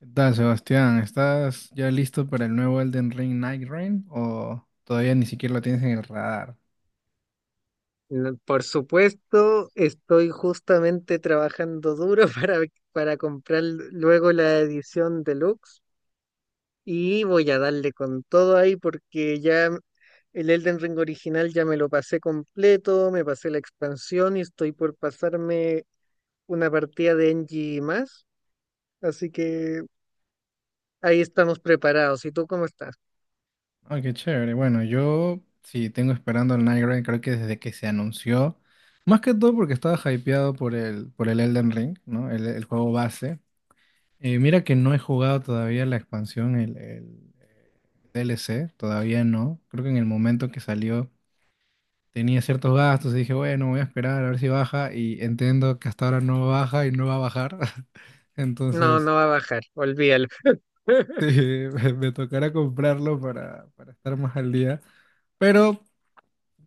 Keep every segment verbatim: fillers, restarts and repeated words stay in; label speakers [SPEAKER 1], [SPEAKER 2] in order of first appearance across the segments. [SPEAKER 1] ¿Qué tal, Sebastián? ¿Estás ya listo para el nuevo Elden Ring Night Rain o todavía ni siquiera lo tienes en el radar?
[SPEAKER 2] No, por supuesto, estoy justamente trabajando duro para, para comprar luego la edición deluxe y voy a darle con todo ahí porque ya el Elden Ring original ya me lo pasé completo, me pasé la expansión y estoy por pasarme una partida de N G más, así que ahí estamos preparados. ¿Y tú cómo estás?
[SPEAKER 1] Ay, qué chévere. Bueno, yo sí tengo esperando el Night Rain, creo que desde que se anunció, más que todo porque estaba hypeado por el, por el Elden Ring, ¿no? El, el juego base. Eh, mira que no he jugado todavía la expansión, el, el, eh, D L C, todavía no. Creo que en el momento que salió tenía ciertos gastos y dije, bueno, voy a esperar a ver si baja, y entiendo que hasta ahora no baja y no va a bajar.
[SPEAKER 2] No,
[SPEAKER 1] Entonces,
[SPEAKER 2] no va a bajar, olvídalo.
[SPEAKER 1] sí, me, me tocará comprarlo para, para estar más al día. Pero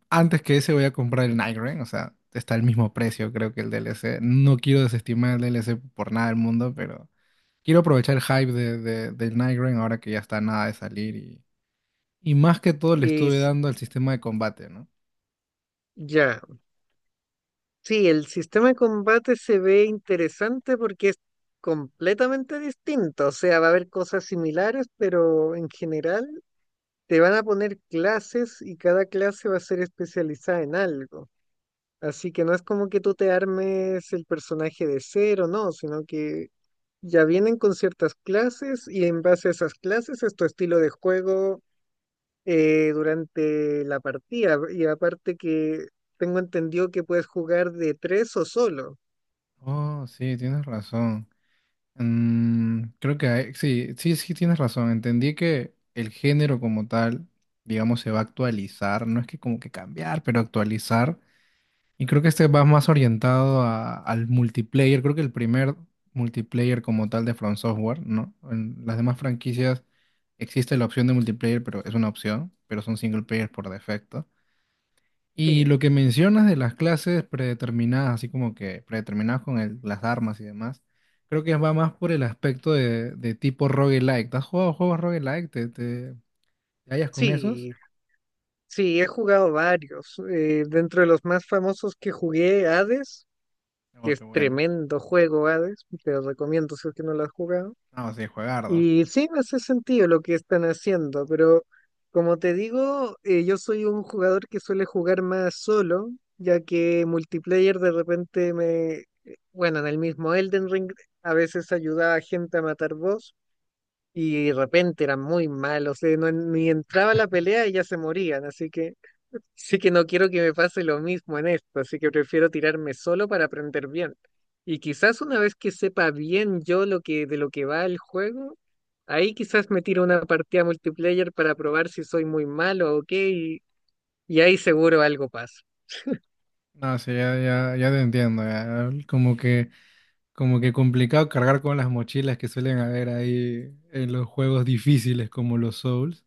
[SPEAKER 1] antes que ese voy a comprar el Nightreign, o sea, está al mismo precio creo que el D L C. No quiero desestimar el D L C por nada del mundo, pero quiero aprovechar el hype de, de, del Nightreign ahora que ya está nada de salir, y, y más que todo le
[SPEAKER 2] Y
[SPEAKER 1] estuve
[SPEAKER 2] s-
[SPEAKER 1] dando al sistema de combate, ¿no?
[SPEAKER 2] ya. Sí, el sistema de combate se ve interesante porque es completamente distinto. O sea, va a haber cosas similares, pero en general te van a poner clases y cada clase va a ser especializada en algo. Así que no es como que tú te armes el personaje de cero, no, sino que ya vienen con ciertas clases y en base a esas clases es tu estilo de juego eh, durante la partida. Y aparte que tengo entendido que puedes jugar de tres o solo.
[SPEAKER 1] Oh, sí, tienes razón. Mm, creo que hay- sí, sí, sí, tienes razón. Entendí que el género como tal, digamos, se va a actualizar. No es que como que cambiar, pero actualizar. Y creo que este va más orientado a- al multiplayer. Creo que el primer multiplayer como tal de From Software, ¿no? En las demás franquicias existe la opción de multiplayer, pero es una opción, pero son single player por defecto. Y
[SPEAKER 2] Sí,
[SPEAKER 1] lo que mencionas de las clases predeterminadas, así como que predeterminadas con el- las armas y demás, creo que va más por el aspecto de, de tipo roguelike. ¿Te has jugado juegos roguelike? ¿Te, te, te hallas con esos?
[SPEAKER 2] sí, sí, he jugado varios. Eh, dentro de los más famosos que jugué, Hades,
[SPEAKER 1] Oh,
[SPEAKER 2] que
[SPEAKER 1] qué
[SPEAKER 2] es
[SPEAKER 1] bueno.
[SPEAKER 2] tremendo juego Hades, te lo recomiendo si es que no lo has jugado.
[SPEAKER 1] No, sí, juegardo.
[SPEAKER 2] Y sí, me hace sentido lo que están haciendo, pero como te digo, eh, yo soy un jugador que suele jugar más solo, ya que multiplayer de repente me... Bueno, en el mismo Elden Ring a veces ayudaba a gente a matar boss y de repente eran muy malos, eh, no- ni entraba a la pelea y ya se morían, así que... Sí que no quiero que me pase lo mismo en esto, así que prefiero tirarme solo para aprender bien. Y quizás una vez que sepa bien yo lo que de lo que va el juego, ahí quizás me tiro una partida multiplayer para probar si soy muy malo o qué, y, y ahí seguro algo pasa.
[SPEAKER 1] No, sí, ya, ya, ya te entiendo. Ya. Como que, como que complicado cargar con las mochilas que suelen haber ahí en los juegos difíciles como los Souls.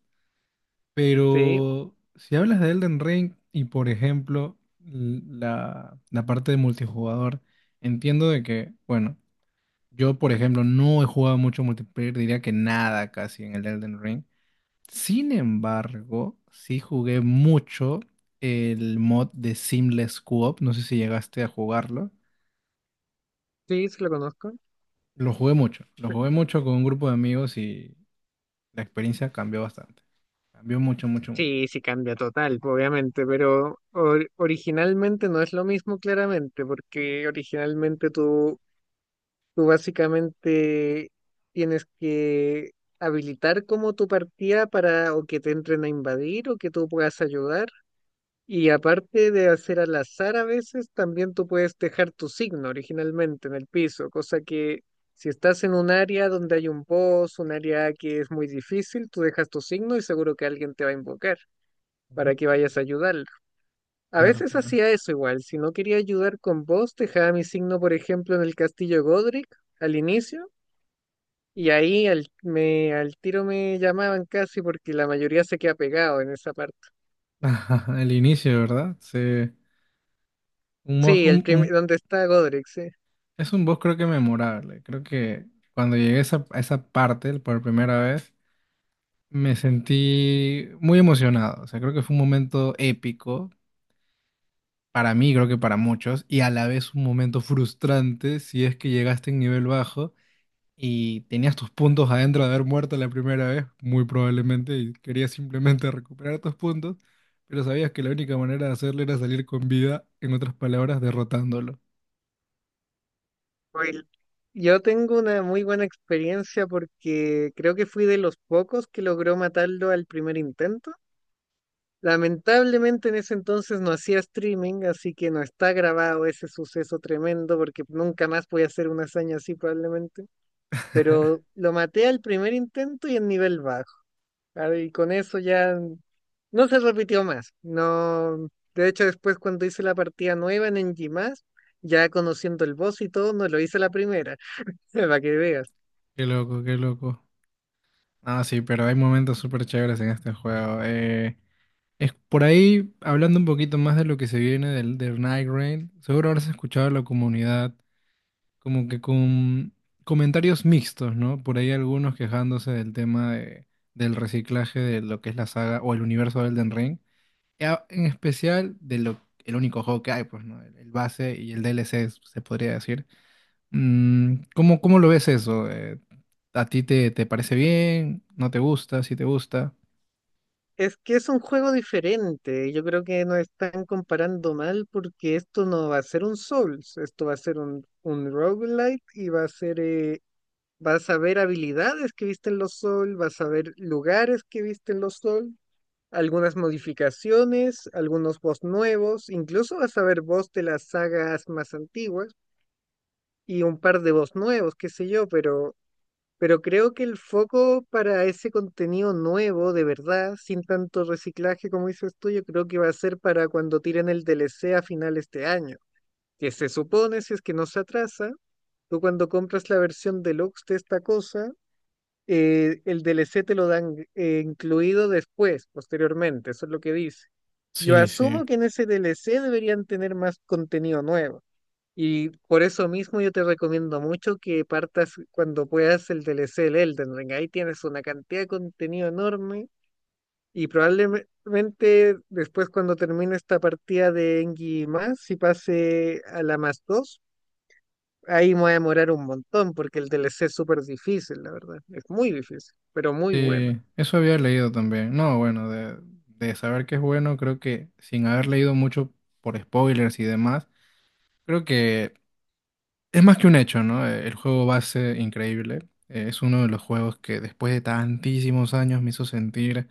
[SPEAKER 2] Sí,
[SPEAKER 1] Pero si hablas de Elden Ring y por ejemplo l- la, la parte de multijugador, entiendo de que, bueno, yo por ejemplo no he jugado mucho multiplayer, diría que nada casi en el Elden Ring. Sin embargo, sí jugué mucho el mod de Seamless Co-op, no sé si llegaste a jugarlo.
[SPEAKER 2] sí, sí lo conozco.
[SPEAKER 1] Lo jugué mucho, lo jugué mucho con un grupo de amigos, y la experiencia cambió bastante. Cambió mucho, mucho, mucho.
[SPEAKER 2] Sí, sí cambia total, obviamente, pero or- originalmente no es lo mismo claramente, porque originalmente tú Tú básicamente tienes que habilitar como tu partida para o que te entren a invadir o que tú puedas ayudar. Y aparte de hacer al azar a veces, también tú puedes dejar tu signo originalmente en el piso, cosa que si estás en un área donde hay un boss, un área que es muy difícil, tú dejas tu signo y seguro que alguien te va a invocar
[SPEAKER 1] Ujú.
[SPEAKER 2] para que vayas a ayudarlo. A
[SPEAKER 1] Claro,
[SPEAKER 2] veces
[SPEAKER 1] claro.
[SPEAKER 2] hacía eso igual, si no quería ayudar con boss, dejaba mi signo, por ejemplo, en el castillo Godric al inicio y ahí al, me, al tiro me llamaban casi porque la mayoría se queda pegado en esa parte.
[SPEAKER 1] Ajá, el inicio, ¿verdad? Sí. Un boss,
[SPEAKER 2] Sí, el
[SPEAKER 1] un,
[SPEAKER 2] prim-
[SPEAKER 1] un-
[SPEAKER 2] donde está Godric, sí.
[SPEAKER 1] es un boss creo que memorable. Creo que cuando llegué a esa, a esa parte por primera vez, me sentí muy emocionado. O sea, creo que fue un momento épico para mí, creo que para muchos, y a la vez un momento frustrante si es que llegaste en nivel bajo y tenías tus puntos adentro de haber muerto la primera vez, muy probablemente, y querías simplemente recuperar tus puntos, pero sabías que la única manera de hacerlo era salir con vida, en otras palabras, derrotándolo.
[SPEAKER 2] Oye, yo tengo una muy buena experiencia porque creo que fui de los pocos que logró matarlo al primer intento. Lamentablemente en ese entonces no hacía streaming, así que no está grabado ese suceso tremendo porque nunca más voy a hacer una hazaña así probablemente. Pero lo maté al primer intento y en nivel bajo. Claro, y con eso ya no se repitió más. No, de hecho, después cuando hice la partida nueva en N G más, ya conociendo el boss y todo, no lo hice la primera, para que veas.
[SPEAKER 1] Qué loco, qué loco. Ah, sí, pero hay momentos súper chéveres en este juego. Eh, es por ahí, hablando un poquito más de lo que se viene del, del Night Rain, seguro habrás escuchado a la comunidad como que con comentarios mixtos, ¿no? Por ahí algunos quejándose del tema de- del reciclaje de lo que es la saga o el universo de Elden Ring, y a- en especial de lo, el único juego que hay, pues, ¿no? El, el base y el D L C, se podría decir. Mm, ¿cómo, cómo lo ves eso? Eh, ¿a ti te, te parece bien? ¿No te gusta? ¿Si te gusta?
[SPEAKER 2] Es que es un juego diferente. Yo creo que nos están comparando mal porque esto no va a ser un Souls, esto va a ser un, un roguelite y va a ser, eh, vas a ver habilidades que viste en los Souls, vas a ver lugares que viste en los Souls, algunas modificaciones, algunos boss nuevos, incluso vas a ver boss de las sagas más antiguas y un par de boss nuevos, qué sé yo, pero, pero creo que el foco para ese contenido nuevo, de verdad, sin tanto reciclaje como dices tú, yo creo que va a ser para cuando tiren el D L C a final de este año, que se supone, si es que no se atrasa, tú cuando compras la versión deluxe de esta cosa, eh, el D L C te lo dan eh, incluido después, posteriormente, eso es lo que dice. Yo
[SPEAKER 1] Sí, sí.
[SPEAKER 2] asumo que en ese D L C deberían tener más contenido nuevo. Y por eso mismo yo te recomiendo mucho que partas cuando puedas el D L C del Elden Ring. Ahí tienes una cantidad de contenido enorme y probablemente después cuando termine esta partida de Engi más y pase a la más dos, ahí me voy a demorar un montón porque el D L C es súper difícil, la verdad. Es muy difícil, pero muy bueno.
[SPEAKER 1] Sí, eso había leído también. No, bueno, de, de saber que es bueno, creo que sin haber leído mucho por spoilers y demás, creo que es más que un hecho, ¿no? Eh, El juego va a ser increíble. Eh, Es uno de los juegos que después de tantísimos años me hizo sentir.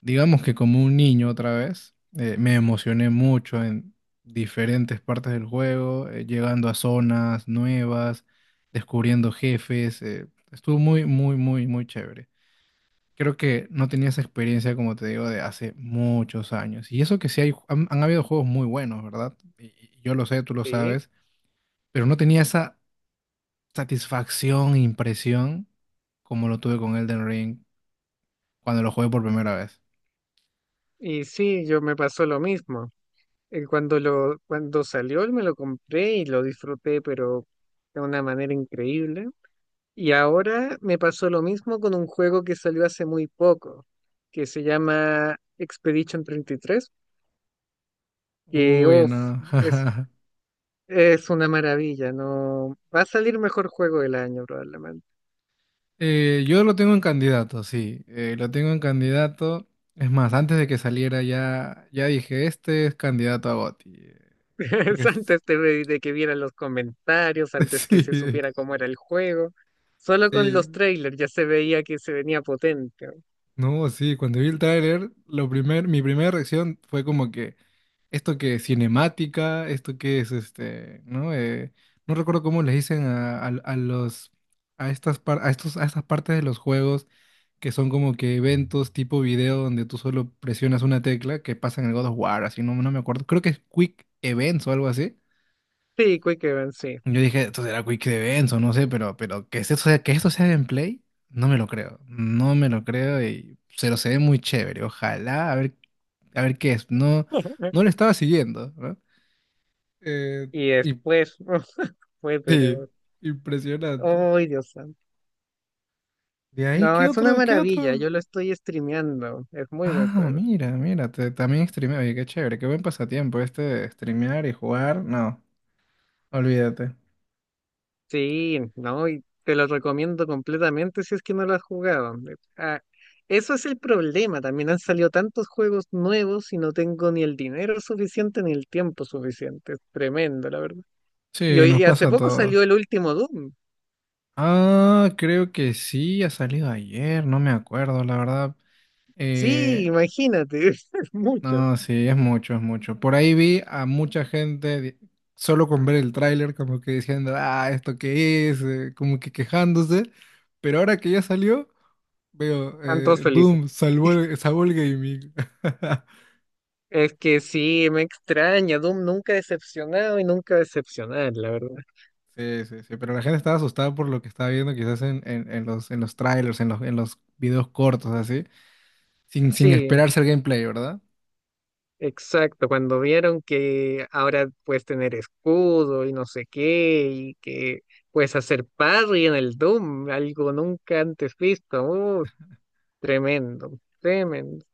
[SPEAKER 1] Digamos que como un niño otra vez, eh, me emocioné mucho en diferentes partes del juego, eh, llegando a zonas nuevas, descubriendo jefes. Eh, estuvo muy, muy, muy, muy chévere. Creo que no tenía esa experiencia, como te digo, de hace muchos años. Y eso que sí hay, han, han habido juegos muy buenos, ¿verdad? Y- y yo lo sé, tú lo
[SPEAKER 2] Sí,
[SPEAKER 1] sabes, pero no tenía esa satisfacción, impresión, como lo tuve con Elden Ring cuando lo jugué por primera vez.
[SPEAKER 2] y sí, yo me pasó lo mismo. Eh, Cuando lo, cuando salió, me lo compré y lo disfruté, pero de una manera increíble. Y ahora me pasó lo mismo con un juego que salió hace muy poco, que se llama Expedition treinta y tres. que
[SPEAKER 1] Uy,
[SPEAKER 2] uf,
[SPEAKER 1] no.
[SPEAKER 2] es, es una maravilla, no va a salir mejor juego del año.
[SPEAKER 1] Eh, yo lo tengo en candidato, sí, eh, lo tengo en candidato. Es más, antes de que saliera ya, ya dije, este es candidato a GOTY. eh, Porque es-
[SPEAKER 2] Antes de, de que vieran los comentarios, antes que
[SPEAKER 1] sí,
[SPEAKER 2] se
[SPEAKER 1] eh,
[SPEAKER 2] supiera cómo era el juego. Solo con
[SPEAKER 1] sí,
[SPEAKER 2] los trailers ya se veía que se venía potente.
[SPEAKER 1] no, sí, cuando vi el tráiler, lo primer, mi primera reacción fue como que, esto que es cinemática, esto que es este, ¿no? Eh, no recuerdo cómo les dicen a, a- a los a estas par- a estos a estas partes de los juegos, que son como que eventos tipo video donde tú solo presionas una tecla, que pasa en el God of War, así, no, no me acuerdo. Creo que es Quick Events o algo así.
[SPEAKER 2] Sí, Quick Event, sí.
[SPEAKER 1] Yo dije, esto será Quick Events o no sé, pero pero que esto sea que esto sea gameplay, no me lo creo. No me lo creo y se lo se ve muy chévere. Ojalá a ver a ver qué es. No, no lo estaba siguiendo, ¿no? Eh,
[SPEAKER 2] Y
[SPEAKER 1] y,
[SPEAKER 2] después fue,
[SPEAKER 1] sí,
[SPEAKER 2] pero.
[SPEAKER 1] impresionante.
[SPEAKER 2] ¡Ay, Dios santo!
[SPEAKER 1] De ahí,
[SPEAKER 2] No,
[SPEAKER 1] ¿qué
[SPEAKER 2] es una
[SPEAKER 1] otro? ¿Qué
[SPEAKER 2] maravilla.
[SPEAKER 1] otro?
[SPEAKER 2] Yo lo estoy streameando. Es muy buen
[SPEAKER 1] Ah,
[SPEAKER 2] juego.
[SPEAKER 1] mira, mira, te- también streameo. Oye, qué chévere, qué buen pasatiempo este de streamear y jugar. No, olvídate.
[SPEAKER 2] Sí, no, y te lo recomiendo completamente si es que no lo has jugado. Eh, ah, eso es el problema, también han salido tantos juegos nuevos y no tengo ni el dinero suficiente ni el tiempo suficiente. Es tremendo, la verdad. Y,
[SPEAKER 1] Sí,
[SPEAKER 2] hoy-
[SPEAKER 1] nos
[SPEAKER 2] y
[SPEAKER 1] pasa
[SPEAKER 2] hace
[SPEAKER 1] a
[SPEAKER 2] poco salió
[SPEAKER 1] todos.
[SPEAKER 2] el último Doom.
[SPEAKER 1] Ah, creo que sí, ha salido ayer, no me acuerdo, la verdad.
[SPEAKER 2] Sí,
[SPEAKER 1] Eh,
[SPEAKER 2] imagínate, es mucho.
[SPEAKER 1] No, sí, es mucho, es mucho. Por ahí vi a mucha gente di- solo con ver el tráiler como que diciendo, ah, ¿esto qué es? Eh, como que quejándose. Pero ahora que ya salió, veo,
[SPEAKER 2] Están todos
[SPEAKER 1] eh,
[SPEAKER 2] felices.
[SPEAKER 1] Doom salvó, el- salvó el gaming.
[SPEAKER 2] Es que sí, me extraña, Doom nunca decepcionado y nunca decepcionar, la verdad.
[SPEAKER 1] Sí, sí, sí, pero la gente estaba asustada por lo que estaba viendo quizás en, en- en los, en los trailers, en los, en los videos cortos, así, sin, sin
[SPEAKER 2] Sí.
[SPEAKER 1] esperarse el gameplay, ¿verdad?
[SPEAKER 2] Exacto, cuando vieron que ahora puedes tener escudo y no sé qué, y que puedes hacer parry en el Doom, algo nunca antes visto. Uh, tremendo, tremendo.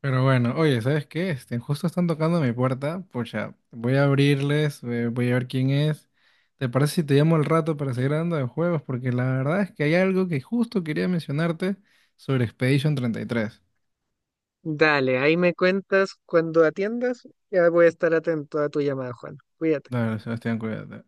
[SPEAKER 1] Pero bueno, oye, ¿sabes qué? Este, justo están tocando mi puerta. Pucha, voy a abrirles, eh, voy a ver quién es. ¿Te parece si te llamo al rato para seguir hablando de juegos? Porque la verdad es que hay algo que justo quería mencionarte sobre Expedition treinta y tres.
[SPEAKER 2] Dale, ahí me cuentas cuando atiendas, ya voy a estar atento a tu llamada, Juan. Cuídate.
[SPEAKER 1] Dale, Sebastián, cuídate.